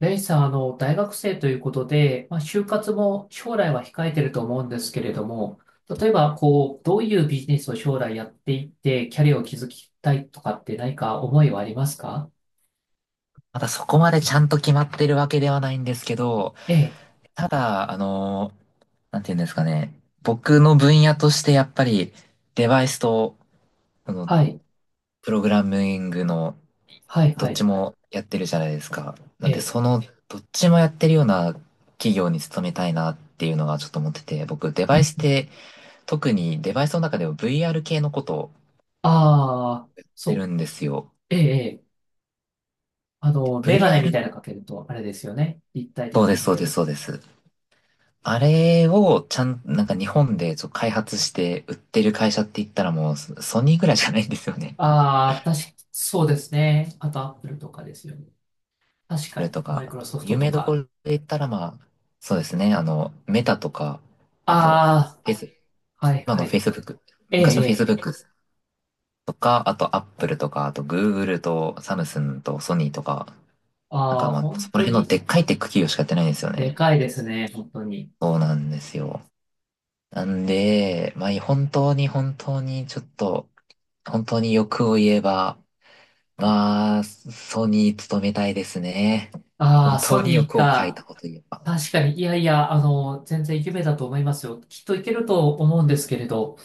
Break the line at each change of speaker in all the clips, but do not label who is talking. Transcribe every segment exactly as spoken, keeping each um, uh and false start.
レイさん、あの、大学生ということで、まあ、就活も将来は控えてると思うんですけれども、例えば、こう、どういうビジネスを将来やっていって、キャリアを築きたいとかって何か思いはありますか？
まだそこまでちゃんと決まってるわけではないんですけど、
ええ、
ただ、あの、なんて言うんですかね。僕の分野としてやっぱりデバイスと、あの、
はい、
プログラミングの
はい、
ど
は
っち
い、
もやってるじゃないですか。な
え
んで
え。
そのどっちもやってるような企業に勤めたいなっていうのがちょっと思ってて、僕デバイスって特にデバイスの中でも ブイアール 系のことをや
ああ、
って
そ
るんですよ。
う、ええ、ええ。あ
で
の、メガネみ
ブイアール、
たいなのかけると、あれですよね。立体
そう
的
で
に
す、
見
そう
え
です、
る。
そうです。あれをちゃん、なんか日本でそう開発して売ってる会社って言ったらもうソソニーぐらいじゃないんですよね。
ああ、確か、そうですね。あと、アップルとかですよね。確 か
それ
に、
と
マイク
か、
ロソフ
有
トと
名どこ
か。
ろで言ったらまあ、そうですね、あの、メタとか、あと、
あ
フェイス、
あ、はい、
今
は
の
い。
Facebook、
ええ、
昔の
ええ。
Facebook とか、あと Apple とか、あと Google とサムスンとソニーとか、なん
あ
か
あ、
まあ、
本
そこら
当
辺の
に、
でっかいテック企業しかやってないんですよ
で
ね。
かいですね、本当に。
そうなんですよ。なんで、まあ、本当に本当にちょっと、本当に欲を言えば、ああ、ソニー勤めたいですね。
あ
本
あ、ソ
当に
ニー
欲を書い
か。
たこと言えば。あ
確かに、いやいや、あの、全然夢だと思いますよ。きっといけると思うんですけれど、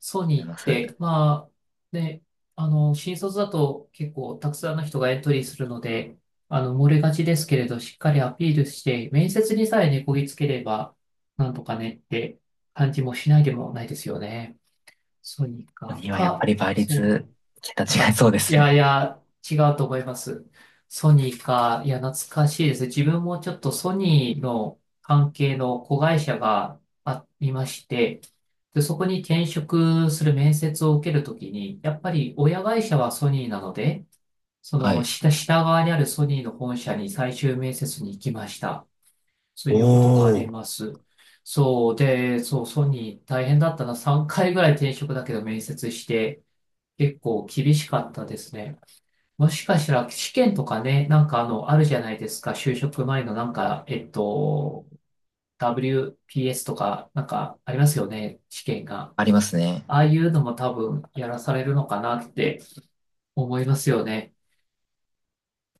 ソニ
り
ーっ
がとうございま
て、
す。
まあ、ね、あの、新卒だと結構たくさんの人がエントリーするので、あの、漏れがちですけれど、しっかりアピールして、面接にさえねこぎつければ、なんとかねって感じもしないでもないですよね。ソニー
ソニ
か。
ーはやっぱ
か、
り倍
そう
率、桁
なん
違い
か、
そうで
い
す
やい
ね。
や、違うと思います。ソニーか、いや、懐かしいです。自分もちょっとソニーの関係の子会社がありまして、で、そこに転職する面接を受けるときに、やっぱり親会社はソニーなので、そ
は
の
い。
下、下側にあるソニーの本社に最終面接に行きました。そういうことがあ
お
り
ー。
ます。そうで、そう、ソニー大変だったな。さんかいぐらい転職だけど面接して、結構厳しかったですね。もしかしたら試験とかね、なんかあの、あるじゃないですか。就職前のなんか、えっと、ダブリューピーエス とか、なんかありますよね。試験が。
ありますね。
ああいうのも多分やらされるのかなって思いますよね。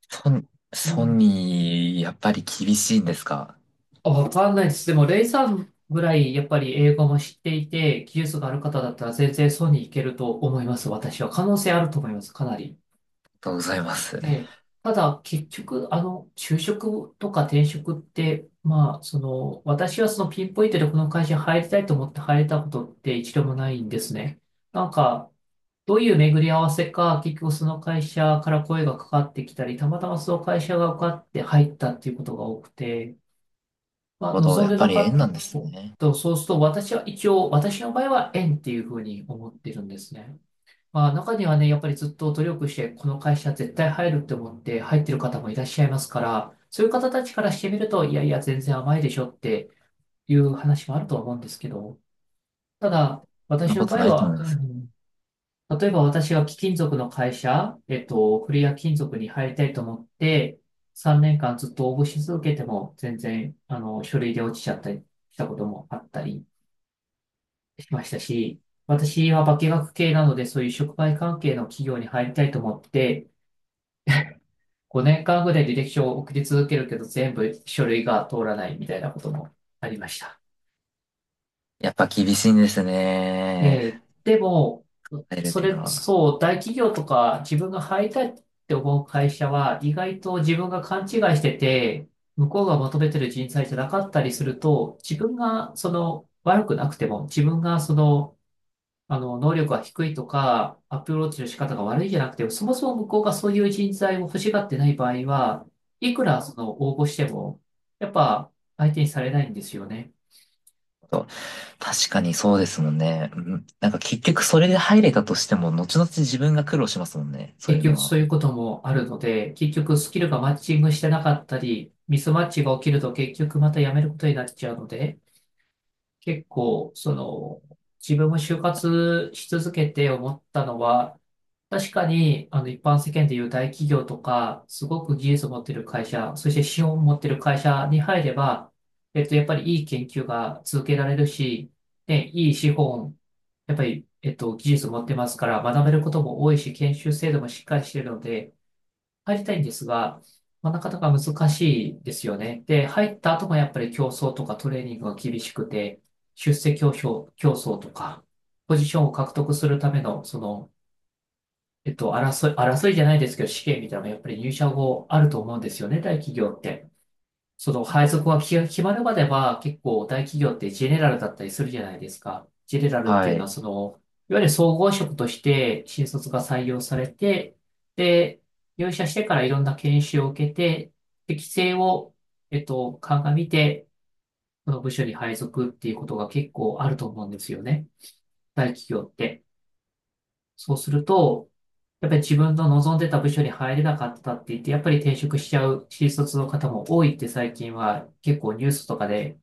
ソニ、
う
ソ
ん。
ニー、やっぱり厳しいんですか？あり
あ、わかんないです。でも、レイさんぐらいやっぱり英語も知っていて、技術がある方だったら全然そうにいけると思います。私は。可能性あると思います。かなり。
がとうございます。な
え
る
え、ただ、結局、あの、就職とか転職って、まあ、その、私はそのピンポイントでこの会社に入りたいと思って入れたことって一度もないんですね。なんか、どういう巡り合わせか、結局その会社から声がかかってきたり、たまたまその会社が受かって入ったっていうことが多くて、まあ、
ほど、
望ん
やっ
で
ぱ
な
り
か
縁
っ
なんで
た、
す
そう、
ね。
とそうすると、私は一応、私の場合は縁っていうふうに思ってるんですね。まあ、中にはね、やっぱりずっと努力して、この会社絶対入るって思って入ってる方もいらっしゃいますから、そういう方たちからしてみると、いやいや、全然甘いでしょっていう話もあるとは思うんですけど、ただ、
そん
私
な
の
こ
場
と
合
ないと
は、
思いま
う
す。
ん、例えば私は貴金属の会社、えっと、クレア金属に入りたいと思って、さんねんかんずっと応募し続けても、全然、あの、書類で落ちちゃったりしたこともあったりしましたし、私は化学系なので、そういう触媒関係の企業に入りたいと思って、ごねんかんぐらい履歴書を送り続けるけど、全部書類が通らないみたいなこともありました。
やっぱ厳しいんですね。
えーでも、
入るっ
そ
ていう
れ、
のは。
そう、大企業とか自分が入りたいって思う会社は、意外と自分が勘違いしてて、向こうが求めてる人材じゃなかったりすると、自分がその悪くなくても、自分がそのあの、能力が低いとか、アプローチの仕方が悪いじゃなくて、そもそも向こうがそういう人材を欲しがってない場合は、いくらその応募しても、やっぱ相手にされないんですよね。
そう確かにそうですもんね。うん、なんか結局それで入れたとしても、後々自分が苦労しますもんね。そう
結
いう
局
の
そ
は。
ういうこともあるので、結局スキルがマッチングしてなかったり、ミスマッチが起きると結局また辞めることになっちゃうので、結構、その、自分も就活し続けて思ったのは、確かに、あの、一般世間でいう大企業とか、すごく技術を持ってる会社、そして資本を持ってる会社に入れば、えっと、やっぱりいい研究が続けられるし、ね、いい資本、やっぱり、えっと、技術を持ってますから、学べることも多いし、研修制度もしっかりしてるので、入りたいんですが、まあ、なかなか難しいですよね。で、入った後もやっぱり競争とかトレーニングが厳しくて、出世競争、競争とか、ポジションを獲得するための、その、えっと、争い、争いじゃないですけど、試験みたいなのがやっぱり入社後あると思うんですよね、大企業って。その配属がき決まるまでは結構大企業ってジェネラルだったりするじゃないですか。ジェネラルって
は
いうのは
い。
その、いわゆる総合職として新卒が採用されて、で、入社してからいろんな研修を受けて、適性を、えっと、鑑みて、その部署に配属っていうことが結構あると思うんですよね。大企業って。そうすると、やっぱり自分の望んでた部署に入れなかったって言って、やっぱり転職しちゃう新卒の方も多いって最近は結構ニュースとかで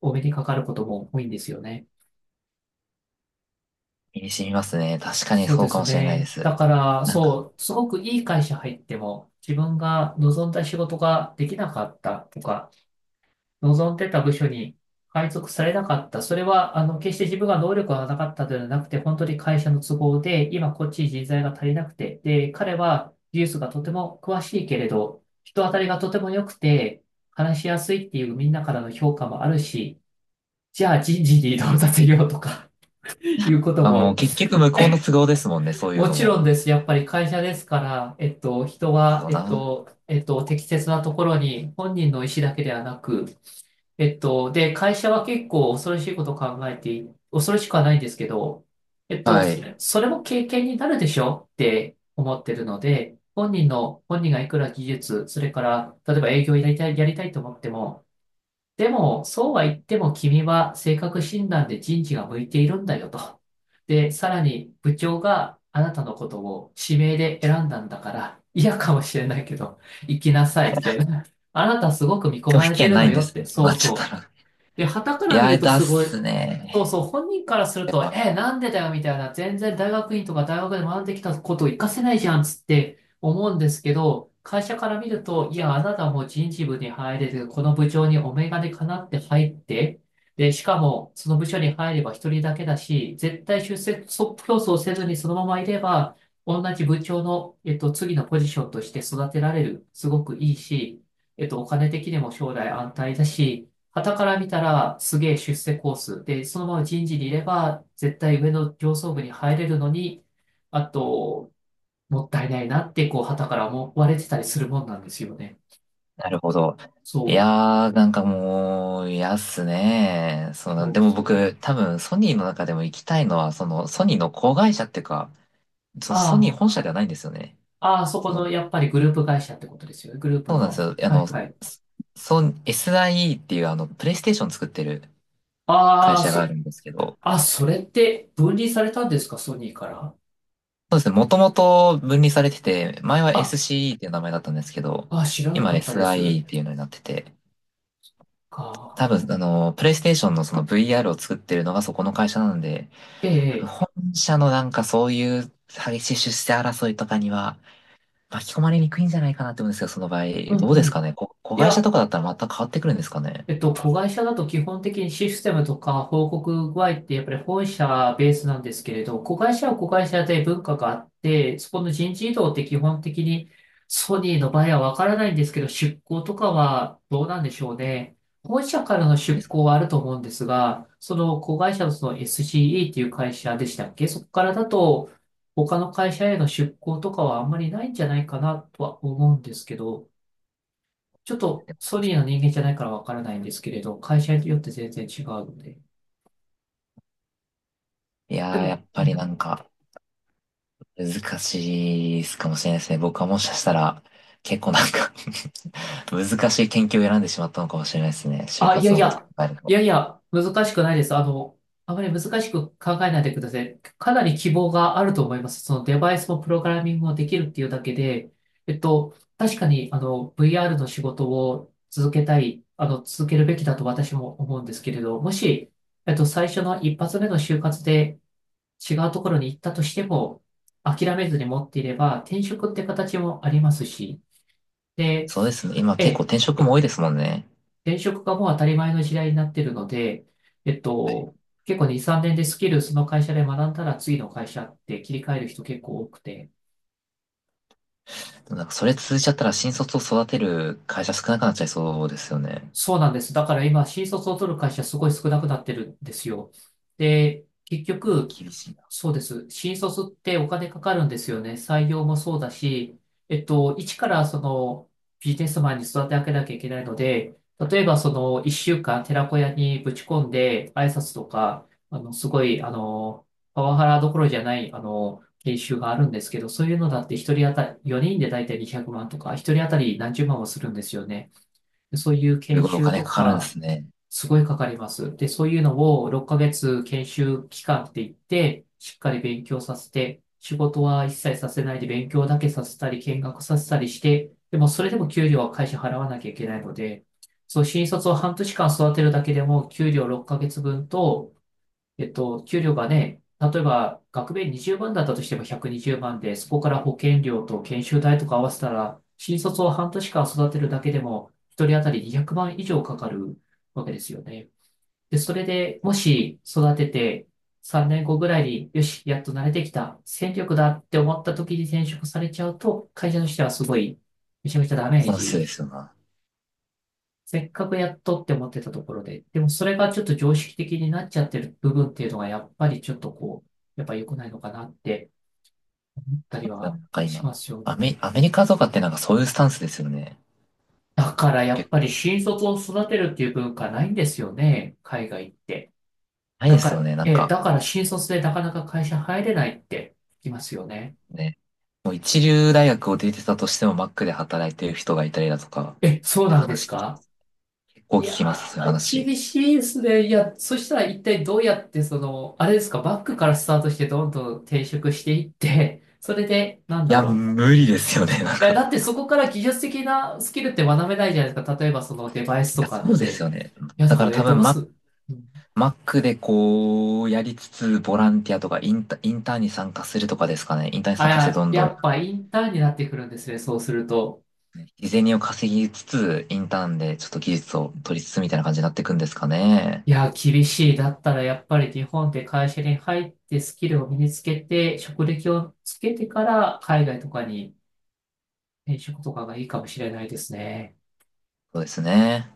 お目にかかることも多いんですよね。
身に染みますね。確かに
そう
そ
で
うか
す
もしれないで
ね。
す。
だから、
なんか、
そう、すごくいい会社入っても、自分が望んだ仕事ができなかったとか、望んでた部署に配属されなかった。それは、あの、決して自分が能力がなかったのではなくて、本当に会社の都合で、今こっち人材が足りなくて、で、彼は技術がとても詳しいけれど、人当たりがとても良くて、話しやすいっていうみんなからの評価もあるし、じゃあ人事に移動させようとか、いうこと
まあも
も、
う結局向こうの都合ですもんね。そういう
も
の
ちろ
も。
んです。やっぱり会社ですから、えっと、人は、
そう
えっ
な。
と、えっと、適切なところに本人の意思だけではなく、えっと、で、会社は結構恐ろしいことを考えてい、恐ろしくはないんですけど、えっと、
は
そ
い。
れ、それも経験になるでしょって思ってるので、本人の、本人がいくら技術、それから、例えば営業やりたい、やりたいと思っても、でも、そうは言っても君は性格診断で人事が向いているんだよと。で、さらに部長があなたのことを指名で選んだんだから、嫌かもしれないけど、行きなさい、みたいな。あなたすごく見込
拒
ま
否
れて
権
る
な
の
いん
よ
で
っ
すね。
て、
そうな
そう
っちゃった
そう。
ら。
で、傍か
い
ら見
や、
ると
だっ
すごい、
す
そう
ね。
そう、本人からする
で
と、
は
え、なんでだよみたいな、全然大学院とか大学で学んできたことを活かせないじゃんつって思うんですけど、会社から見ると、いや、あなたもう人事部に入れて、この部長にお眼鏡かなって入って、で、しかも、その部署に入れば一人だけだし、絶対出世競争せずにそのままいれば、同じ部長の、えっと、次のポジションとして育てられる。すごくいいし、えっと、お金的にも将来安泰だし、傍から見たらすげえ出世コースで、そのまま人事にいれば絶対上の上層部に入れるのに、あと、もったいないなって、こう、傍から思われてたりするもんなんですよね。
なるほど。い
そう、
やー、なんかもう、嫌っすね。その、
そ
で
う
も
そう。
僕、多分、ソニーの中でも行きたいのは、その、ソニーの子会社っていうか、そのソニー
あ
本社ではないんですよね。
あ、ああ、そこ
その、
のやっぱりグループ会社ってことですよね。グループ
そうなんです
の。
よ。あ
は
の、
いはい。
ソン エスアイイー っていう、あの、プレイステーション作ってる会
ああ、
社があ
そ、
るんですけど、
あ、それって分離されたんですか、ソニーから。
そうですね、もともと分離されてて、前は
あ、
エスシーイー っていう名前だったんですけど、
あ、知らな
今
かったです。
エスアイイー っていうのになってて、
か。
多分、あの、プレイステーションのその ブイアール を作ってるのがそこの会社なんで、
え
多分
え、
本社のなんかそういう激しい出世争いとかには巻き込まれにくいんじゃないかなって思うんですけど、その場合。
うん
どうで
う
す
ん。
かねこ、子
い
会社
や、
とかだったら全く変わってくるんですかね？
えっと、子会社だと基本的にシステムとか報告具合ってやっぱり本社ベースなんですけれど、子会社は子会社で文化があって、そこの人事異動って基本的にソニーの場合はわからないんですけど、出向とかはどうなんでしょうね。本社からの
で
出
すか
向
ね。
はあると思うんですが、その子会社のその エスシーイー っていう会社でしたっけそこからだと他の会社への出向とかはあんまりないんじゃないかなとは思うんですけど、ちょっとソニーの人間じゃないからわからないんですけれど、会社によって全然違うので。
い
で
やー、や
も、
っ
う
ぱりな
ん
んか難しいかもしれないですね。僕はもしかしたら結構なんか 難しい研究を選んでしまったのかもしれないですね。就
あ、いや
活
い
のことを
や、
考える
い
と。
やいや、難しくないです。あの、あまり難しく考えないでください。かなり希望があると思います。そのデバイスもプログラミングもできるっていうだけで、えっと、確かに、あの、ブイアール の仕事を続けたい、あの、続けるべきだと私も思うんですけれど、もし、えっと、最初の一発目の就活で、違うところに行ったとしても、諦めずに持っていれば、転職って形もありますし、で、
そうですね。今
え
結構
え、
転職も多いですもんね。
転職がもう当たり前の時代になっているので、えっ
はい。
と、結構に、さんねんでスキルその会社で学んだら次の会社って切り替える人結構多くて、
でもなんかそれ続いちゃったら新卒を育てる会社少なくなっちゃいそうですよね。
そうなんです。だから今、新卒を取る会社すごい少なくなってるんですよ。で、結
やっぱ
局、
厳しい。
そうです。新卒ってお金かかるんですよね。採用もそうだし、えっと、一からそのビジネスマンに育て上げなきゃいけないので、例えばその一週間寺子屋にぶち込んで挨拶とか、あの、すごい、あの、パワハラどころじゃない、あの、研修があるんですけど、そういうのだって一人当たり、よにんで大体にひゃくまんとか、一人当たり何十万もするんですよね。そういう
す
研
ごいお
修
金
と
かかるんで
か、
すね。
すごいかかります。で、そういうのをろっかげつ研修期間って言って、しっかり勉強させて、仕事は一切させないで勉強だけさせたり、見学させたりして、でもそれでも給料は会社払わなきゃいけないので、そう、新卒を半年間育てるだけでも、給料ろっかげつぶんと、えっと、給料がね、例えば学米にじゅうまんだったとしてもひゃくにじゅうまんで、そこから保険料と研修代とか合わせたら、新卒を半年間育てるだけでも、一人当たりにひゃくまん以上かかるわけですよね。で、それでもし育ててさんねんごぐらいに、よし、やっと慣れてきた、戦力だって思った時に転職されちゃうと、会社としてはすごい、めちゃめちゃダメー
損失
ジ
ですよな。
せっかくやっとって思ってたところで、でもそれがちょっと常識的になっちゃってる部分っていうのがやっぱりちょっとこう、やっぱ良くないのかなって思ったり
な
は
んか
し
今、
ますよね。
アメ、アメリカとかってなんかそういうスタンスですよね。
だからや
結
っぱり
構。
新卒を育てるっていう文化ないんですよね、海外って。
ないで
だか
す
ら、
よね。なん
え、
か
だから新卒でなかなか会社入れないって聞きますよね。
ね、もう一流大学を出てたとしてもマックで働いてる人がいたりだとか、っ
え、そう
て
なんです
話聞きま
か
す。結構聞
い
きます、
や
そういう
ー、
話。
厳
い
しいですね。いや、そしたら一体どうやって、その、あれですか、バックからスタートしてどんどん転職していって、それで、なんだ
や、
ろ
無理ですよね。なん
う。いや、
か。い
だってそこから技術的なスキルって学べないじゃないですか。例えばそのデバイス
や、
とか
そ
っ
うですよ
て。
ね。
いや、だ
だ
か
か
ら
ら多
ね、ど
分
うす、
マ、
うん
マックでこう、やりつつ、ボランティアとかインタ、インターンに参加するとかですかね。インターンに
あ、い
参加してどん
や、
ど
や
ん
っぱインターンになってくるんですね、そうすると。
日銭を稼ぎつつ、インターンでちょっと技術を取りつつみたいな感じになっていくんですかね。
いや、厳しい。だったらやっぱり日本で会社に入ってスキルを身につけて、職歴をつけてから海外とかに転職とかがいいかもしれないですね。
そうですね。